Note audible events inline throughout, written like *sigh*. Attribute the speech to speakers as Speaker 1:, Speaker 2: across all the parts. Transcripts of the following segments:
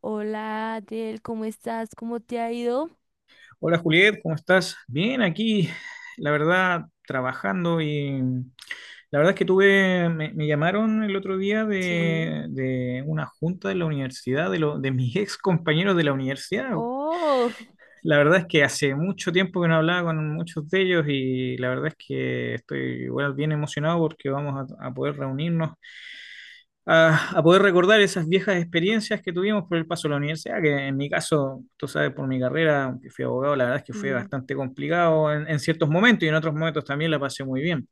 Speaker 1: Hola, Adel, ¿cómo estás? ¿Cómo te ha ido?
Speaker 2: Hola Juliet, ¿cómo estás? Bien, aquí, la verdad, trabajando y la verdad es que tuve, me llamaron el otro día
Speaker 1: Sí.
Speaker 2: de una junta de la universidad, de, de mis *laughs* ex compañeros de la universidad.
Speaker 1: Oh,
Speaker 2: La verdad es que hace mucho tiempo que no hablaba con muchos de ellos y la verdad es que estoy igual bien emocionado porque vamos a poder reunirnos a poder recordar esas viejas experiencias que tuvimos por el paso a la universidad, que en mi caso, tú sabes, por mi carrera, aunque fui abogado, la verdad es que fue
Speaker 1: sí.
Speaker 2: bastante complicado en ciertos momentos y en otros momentos también la pasé muy bien.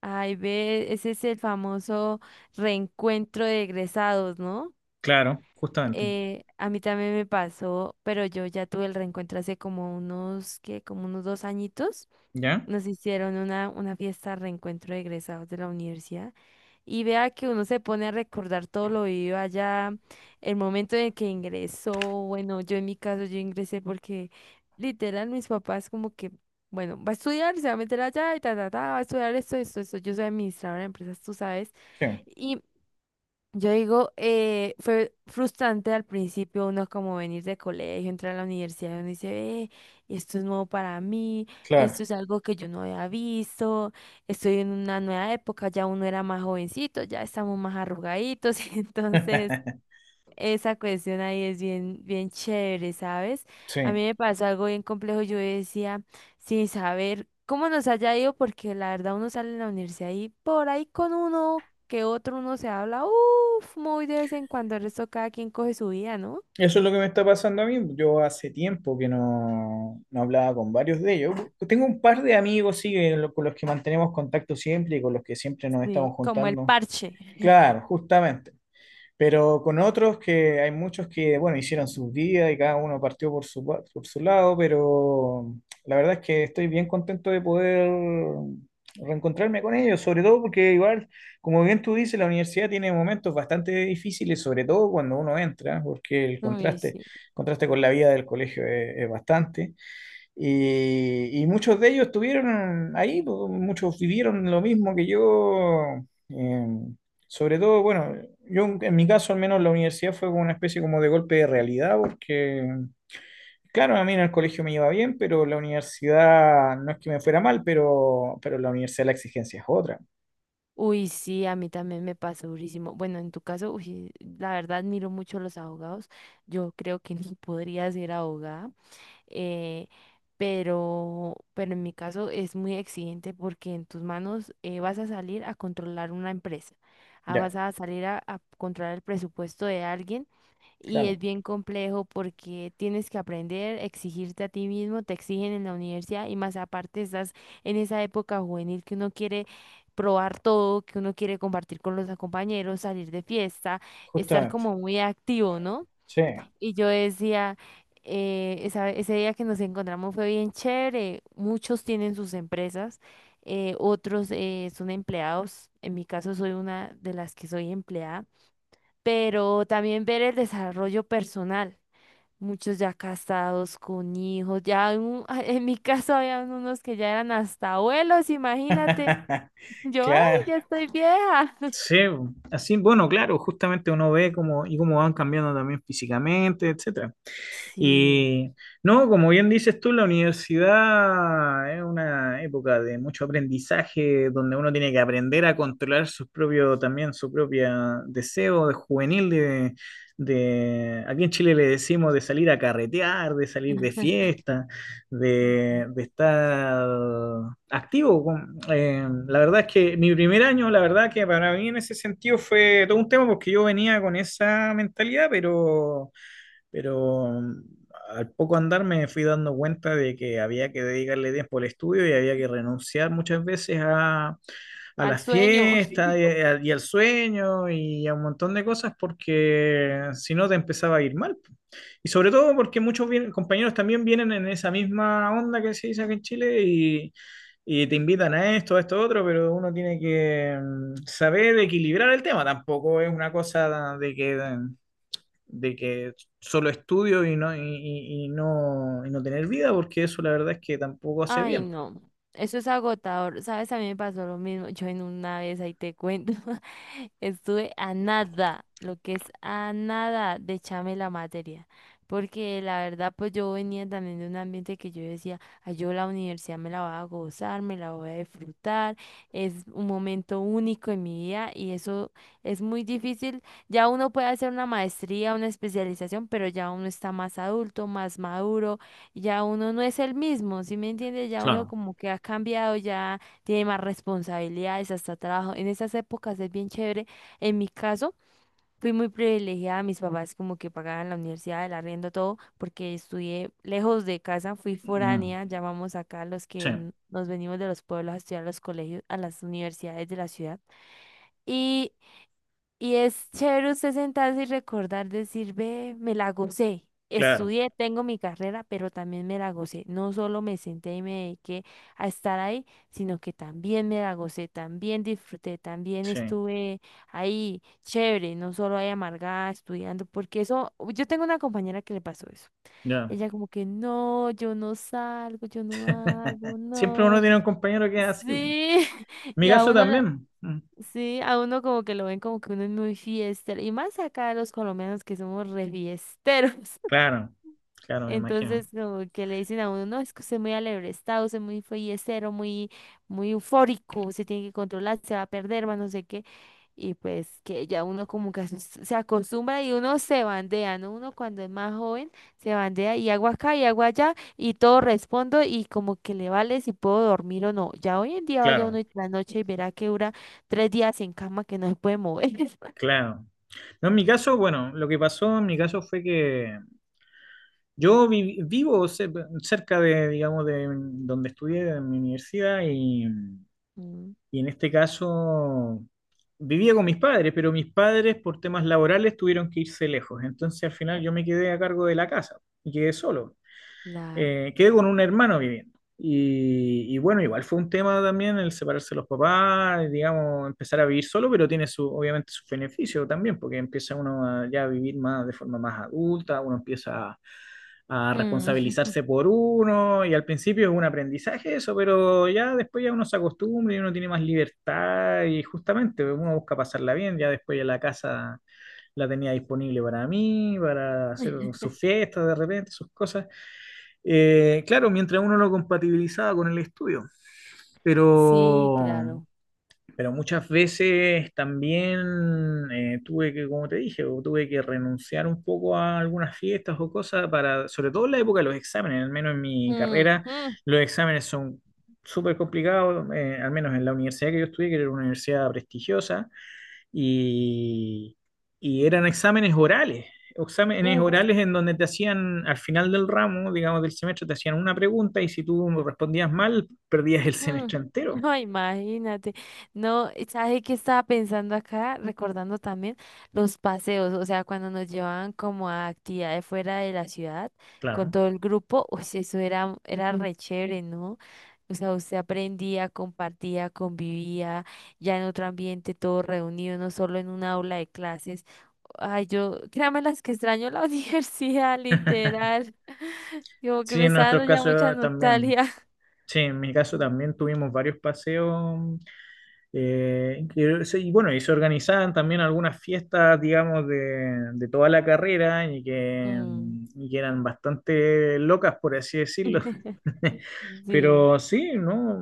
Speaker 1: Ay, ve, ese es el famoso reencuentro de egresados, ¿no?
Speaker 2: Claro, justamente.
Speaker 1: A mí también me pasó, pero yo ya tuve el reencuentro hace como unos, ¿qué? Como unos dos añitos.
Speaker 2: ¿Ya?
Speaker 1: Nos hicieron una fiesta de reencuentro de egresados de la universidad. Y vea que uno se pone a recordar todo lo vivido allá, el momento en el que ingresó. Bueno, yo en mi caso, yo ingresé porque literal mis papás como que, bueno, va a estudiar, se va a meter allá y ta, ta, ta, va a estudiar esto, esto, esto. Yo soy administradora de empresas, tú sabes.
Speaker 2: Sí,
Speaker 1: Yo digo, fue frustrante al principio, uno como venir de colegio, entrar a la universidad, uno dice, esto es nuevo para mí,
Speaker 2: claro,
Speaker 1: esto es algo que yo no había visto, estoy en una nueva época, ya uno era más jovencito, ya estamos más arrugaditos, *laughs* entonces esa cuestión ahí es bien, bien chévere, ¿sabes? A
Speaker 2: sí.
Speaker 1: mí me pasó algo bien complejo. Yo decía, sin saber cómo nos haya ido, porque la verdad uno sale de la universidad y por ahí con uno que otro uno se habla, uff, muy de vez en cuando. El resto cada quien coge su vida, ¿no?
Speaker 2: Eso es lo que me está pasando a mí. Yo hace tiempo que no hablaba con varios de ellos. Tengo un par de amigos, sí, que con los que mantenemos contacto siempre y con los que siempre nos estamos
Speaker 1: Sí, como el
Speaker 2: juntando.
Speaker 1: parche.
Speaker 2: Claro,
Speaker 1: *laughs*
Speaker 2: justamente. Pero con otros que hay muchos que, bueno, hicieron sus vidas y cada uno partió por su, por su lado, pero la verdad es que estoy bien contento de poder reencontrarme con ellos, sobre todo porque igual, como bien tú dices, la universidad tiene momentos bastante difíciles, sobre todo cuando uno entra, porque el
Speaker 1: Uy,
Speaker 2: contraste,
Speaker 1: sí.
Speaker 2: contraste con la vida del colegio es bastante. Y muchos de ellos estuvieron ahí, pues, muchos vivieron lo mismo que yo. eh, Sobre todo, bueno, yo en mi caso al menos la universidad fue como una especie como de golpe de realidad, porque, claro, a mí en el colegio me iba bien, pero la universidad no es que me fuera mal, pero la universidad la exigencia es otra.
Speaker 1: Uy, sí, a mí también me pasó durísimo. Bueno, en tu caso, uy, la verdad admiro mucho a los abogados. Yo creo que ni podría ser abogada. eh, pero, en mi caso es muy exigente porque en tus manos vas a salir a controlar una empresa, ah,
Speaker 2: Ya,
Speaker 1: vas a salir a controlar el presupuesto de alguien y es
Speaker 2: claro,
Speaker 1: bien complejo porque tienes que aprender, exigirte a ti mismo, te exigen en la universidad y más aparte estás en esa época juvenil que uno quiere probar todo, que uno quiere compartir con los compañeros, salir de fiesta, estar
Speaker 2: justamente.
Speaker 1: como muy activo, ¿no?
Speaker 2: Sí.
Speaker 1: Y yo decía, ese día que nos encontramos fue bien chévere. Muchos tienen sus empresas, otros son empleados. En mi caso soy una de las que soy empleada, pero también ver el desarrollo personal. Muchos ya casados con hijos, *laughs* en mi caso habían unos que ya eran hasta abuelos, imagínate.
Speaker 2: *laughs*
Speaker 1: Yo, ay,
Speaker 2: Claro.
Speaker 1: ya estoy vieja. *laughs*
Speaker 2: Sí, así, bueno, claro, justamente uno ve cómo y cómo van cambiando también físicamente, etcétera.
Speaker 1: Sí,
Speaker 2: Y no, como bien dices tú, la universidad es una época de mucho aprendizaje, donde uno tiene que aprender a controlar sus propios, también su propio deseo de juvenil, de, aquí en Chile le decimos de salir a carretear, de salir de fiesta,
Speaker 1: ujú,
Speaker 2: de estar activo. La verdad es que mi primer año, la verdad que para mí en ese sentido fue todo un tema porque yo venía con esa mentalidad, pero mm, al poco andar me fui dando cuenta de que había que dedicarle tiempo al estudio y había que renunciar muchas veces a
Speaker 1: al
Speaker 2: las
Speaker 1: sueño.
Speaker 2: fiestas y, y al sueño y a un montón de cosas porque si no te empezaba a ir mal. Y sobre todo porque muchos compañeros también vienen en esa misma onda que se dice acá en Chile y te invitan a esto, otro, pero uno tiene que saber equilibrar el tema. Tampoco es una cosa de que de que solo estudio y no, y no tener vida, porque eso la verdad es que tampoco hace
Speaker 1: Ay,
Speaker 2: bien.
Speaker 1: no, eso es agotador. Sabes, a mí me pasó lo mismo. Yo en una vez ahí te cuento. *laughs* Estuve a nada, lo que es a nada de echarme la materia. Porque la verdad, pues yo venía también de un ambiente que yo decía, "Ay, yo la universidad me la voy a gozar, me la voy a disfrutar, es un momento único en mi vida y eso es muy difícil". Ya uno puede hacer una maestría, una especialización, pero ya uno está más adulto, más maduro, ya uno no es el mismo, ¿sí me entiendes? Ya uno
Speaker 2: Claro.
Speaker 1: como que ha cambiado, ya tiene más responsabilidades, hasta trabajo. En esas épocas es bien chévere. En mi caso, fui muy privilegiada. Mis papás como que pagaban la universidad, el arriendo, todo, porque estudié lejos de casa, fui
Speaker 2: Mm,
Speaker 1: foránea, llamamos acá los que
Speaker 2: sí,
Speaker 1: nos venimos de los pueblos a estudiar a los colegios, a las universidades de la ciudad. Y y es chévere usted sentarse y recordar, decir, ve, me la gocé.
Speaker 2: claro,
Speaker 1: Estudié, tengo mi carrera, pero también me la gocé. No solo me senté y me dediqué a estar ahí, sino que también me la gocé, también disfruté, también
Speaker 2: sí,
Speaker 1: estuve ahí chévere, no solo ahí amargada estudiando, porque eso, yo tengo una compañera que le pasó eso.
Speaker 2: ya.
Speaker 1: Ella como que, no, yo no salgo, yo no hago,
Speaker 2: Siempre uno
Speaker 1: no.
Speaker 2: tiene un compañero que es así.
Speaker 1: Sí, *laughs*
Speaker 2: Mi
Speaker 1: y a
Speaker 2: caso
Speaker 1: uno la...
Speaker 2: también. Mm,
Speaker 1: Sí, a uno como que lo ven como que uno es muy fiestero. Y más acá los colombianos que somos re fiesteros.
Speaker 2: claro, claro, me imagino.
Speaker 1: Entonces, como que le dicen a uno, no, es que usted es muy alebrestado, usted es muy follecero, muy, muy eufórico, se tiene que controlar, se va a perder, más no sé qué. Y pues que ya uno como que se acostumbra y uno se bandea, ¿no? Uno cuando es más joven se bandea y hago acá y hago allá y todo respondo y como que le vale si puedo dormir o no. Ya hoy en día vaya
Speaker 2: Claro,
Speaker 1: uno y la noche y verá que dura tres días en cama que no se puede mover. *laughs*
Speaker 2: claro. No, en mi caso, bueno, lo que pasó en mi caso fue que yo vivo cerca de, digamos, de donde estudié, en mi universidad, y
Speaker 1: Mm,
Speaker 2: Y en este caso vivía con mis padres, pero mis padres por temas laborales tuvieron que irse lejos. Entonces al final yo me quedé a cargo de la casa y quedé solo.
Speaker 1: claro.
Speaker 2: Quedé con un hermano viviendo. Y bueno, igual fue un tema también el separarse de los papás, digamos, empezar a vivir solo, pero tiene su, obviamente su beneficio también, porque empieza uno a ya vivir más de forma más adulta, uno empieza a
Speaker 1: Mm.
Speaker 2: responsabilizarse por uno y al principio es un aprendizaje eso, pero ya después ya uno se acostumbra y uno tiene más libertad y justamente uno busca pasarla bien, ya después ya la casa la tenía disponible para mí, para hacer sus
Speaker 1: *laughs*
Speaker 2: fiestas de repente, sus cosas. Claro, mientras uno lo compatibilizaba con el estudio,
Speaker 1: Sí,
Speaker 2: pero
Speaker 1: claro.
Speaker 2: pero muchas veces también tuve que, como te dije, o tuve que renunciar un poco a algunas fiestas o cosas para, sobre todo en la época de los exámenes, al menos en mi
Speaker 1: Mm,
Speaker 2: carrera,
Speaker 1: mm,
Speaker 2: los exámenes son súper complicados, al menos en la universidad que yo estudié, que era una universidad prestigiosa, y, y eran exámenes
Speaker 1: uf,
Speaker 2: orales en donde te hacían, al final del ramo, digamos, del semestre, te hacían una pregunta y si tú respondías mal, perdías el
Speaker 1: mm.
Speaker 2: semestre entero,
Speaker 1: No, imagínate. No, ¿sabes qué estaba pensando acá? Recordando también los paseos, o sea, cuando nos llevaban como a actividades fuera de la ciudad con
Speaker 2: claro.
Speaker 1: todo el grupo, uy, eso era, era ujú, re chévere, ¿no? O sea, usted aprendía, compartía, convivía ya en otro ambiente, todo reunido, no solo en una aula de clases. Ay, yo, créame las que extraño la *laughs* universidad,
Speaker 2: *laughs*
Speaker 1: literal. *laughs* Como que
Speaker 2: Sí,
Speaker 1: me
Speaker 2: en
Speaker 1: está
Speaker 2: nuestro
Speaker 1: dando ya
Speaker 2: caso
Speaker 1: mucha
Speaker 2: también.
Speaker 1: nostalgia.
Speaker 2: Sí, en mi caso también tuvimos varios paseos. Que y bueno, y se organizaban también algunas fiestas, digamos, de toda la carrera
Speaker 1: Mm.
Speaker 2: y que eran bastante locas, por así decirlo.
Speaker 1: *laughs*
Speaker 2: *laughs*
Speaker 1: Sí,
Speaker 2: Pero sí, ¿no?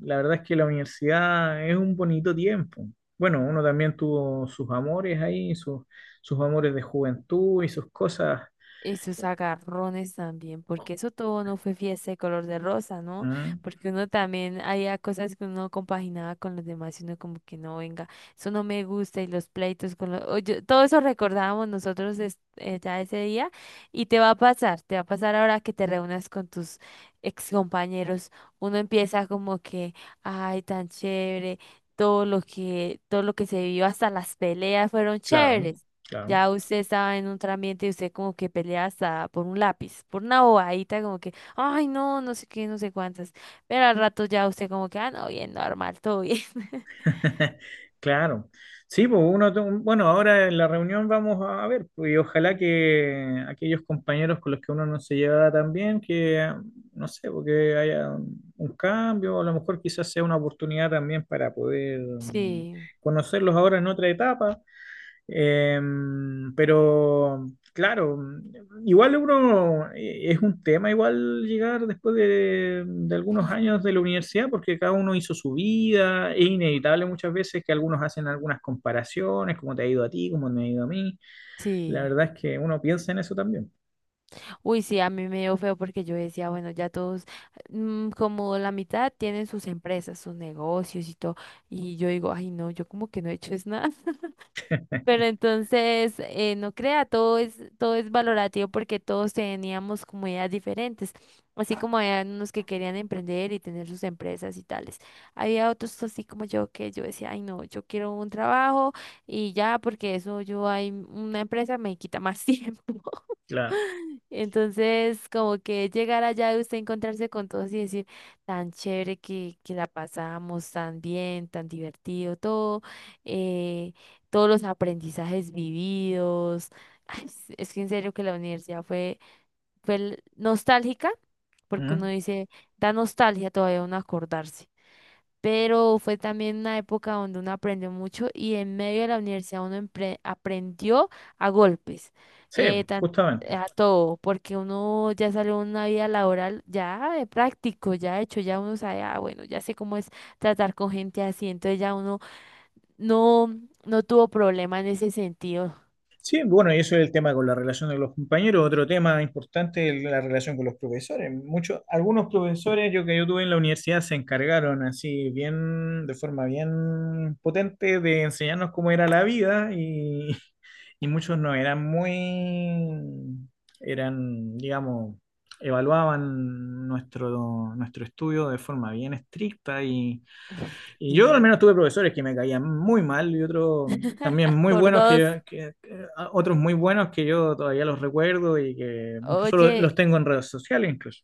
Speaker 2: La verdad es que la universidad es un bonito tiempo. Bueno, uno también tuvo sus amores ahí, sus, sus amores de juventud y sus cosas.
Speaker 1: esos agarrones también, porque eso todo no fue fiesta de color de rosa, ¿no?
Speaker 2: Mm,
Speaker 1: Porque uno también había cosas que uno compaginaba con los demás y uno como que no, venga, eso no me gusta y los pleitos con los... o yo todo eso recordábamos ya ese día y te va a pasar, te va a pasar ahora que te reúnas con tus ex compañeros. Uno empieza como que, ay, tan chévere, todo lo que se vivió hasta las peleas fueron
Speaker 2: claro,
Speaker 1: chéveres.
Speaker 2: claro.
Speaker 1: Ya usted estaba en otro ambiente y usted como que pelea hasta por un lápiz, por una bobadita, como que, ay, no, no sé qué, no sé cuántas. Pero al rato ya usted como que, ah, no, bien, normal, todo bien. *laughs*
Speaker 2: *laughs* Claro. Sí, pues uno, bueno, ahora en la reunión vamos a ver, pues, y ojalá que aquellos compañeros con los que uno no se lleva tan bien, que no sé, porque haya un cambio, a lo mejor quizás sea una oportunidad también para poder
Speaker 1: Sí.
Speaker 2: conocerlos ahora en otra etapa. Em, pero claro, igual uno es un tema igual llegar después de algunos años de la universidad, porque cada uno hizo su vida, es inevitable muchas veces que algunos hacen algunas comparaciones, cómo te ha ido a ti, cómo me ha ido a mí. La
Speaker 1: Sí,
Speaker 2: verdad es que uno piensa en eso también.
Speaker 1: uy, sí, a mí me dio feo porque yo decía, bueno, ya todos, mm, como la mitad tienen sus empresas, sus negocios y todo, y yo digo, ay, no, yo como que no he hecho es nada. Pero entonces, no crea, todo es valorativo porque todos teníamos como ideas diferentes, así como había unos que querían emprender y tener sus empresas y tales. Había otros así como yo que yo decía, ay no, yo quiero un trabajo y ya porque eso yo hay una empresa me quita más *laughs* tiempo.
Speaker 2: Claro.
Speaker 1: Entonces, como que llegar allá de usted encontrarse con todos y decir, tan chévere que la pasamos, tan bien, tan divertido, todo, eh, todos los aprendizajes vividos. Ay, es que en serio que la universidad fue nostálgica, porque uno
Speaker 2: Ujú.
Speaker 1: dice, da nostalgia todavía uno acordarse, pero fue también una época donde uno aprendió mucho y en medio de la universidad uno aprendió a golpes,
Speaker 2: Sí,
Speaker 1: eh, tan-
Speaker 2: justamente.
Speaker 1: a todo, porque uno ya salió una vida laboral ya de práctico, ya hecho, ya uno sabe, ah, bueno, ya sé cómo es tratar con gente así, entonces ya uno no, no tuvo problema en ese sentido.
Speaker 2: Sí, bueno, y eso es el tema con la relación de los compañeros. Otro tema importante es la relación con los profesores. Muchos, algunos profesores yo que yo tuve en la universidad se encargaron así bien, de forma bien potente de enseñarnos cómo era la vida y muchos no eran muy, eran, digamos, evaluaban nuestro, nuestro estudio de forma bien estricta y
Speaker 1: *laughs*
Speaker 2: y yo al
Speaker 1: Sí.
Speaker 2: menos tuve profesores que me caían muy mal y otros también
Speaker 1: *laughs*
Speaker 2: muy
Speaker 1: Por
Speaker 2: buenos
Speaker 1: dos.
Speaker 2: que, otros muy buenos que yo todavía los recuerdo y que incluso
Speaker 1: Oye,
Speaker 2: los tengo en redes sociales incluso.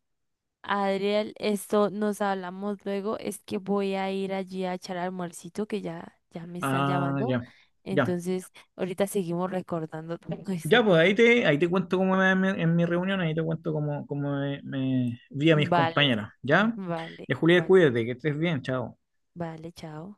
Speaker 1: Adriel, esto nos hablamos luego. Es que voy a ir allí a echar almuercito, que ya, ya me están
Speaker 2: Ah,
Speaker 1: llamando.
Speaker 2: ya, ya.
Speaker 1: Entonces, ahorita seguimos recordando *laughs* todo
Speaker 2: Ya,
Speaker 1: eso.
Speaker 2: pues ahí te cuento cómo me, en mi reunión, ahí te cuento cómo, cómo me, me vi a mis
Speaker 1: Vale,
Speaker 2: compañeros, ¿ya?
Speaker 1: vale,
Speaker 2: Ya, Julián,
Speaker 1: vale,
Speaker 2: cuídate, que estés bien, chao.
Speaker 1: vale, chao.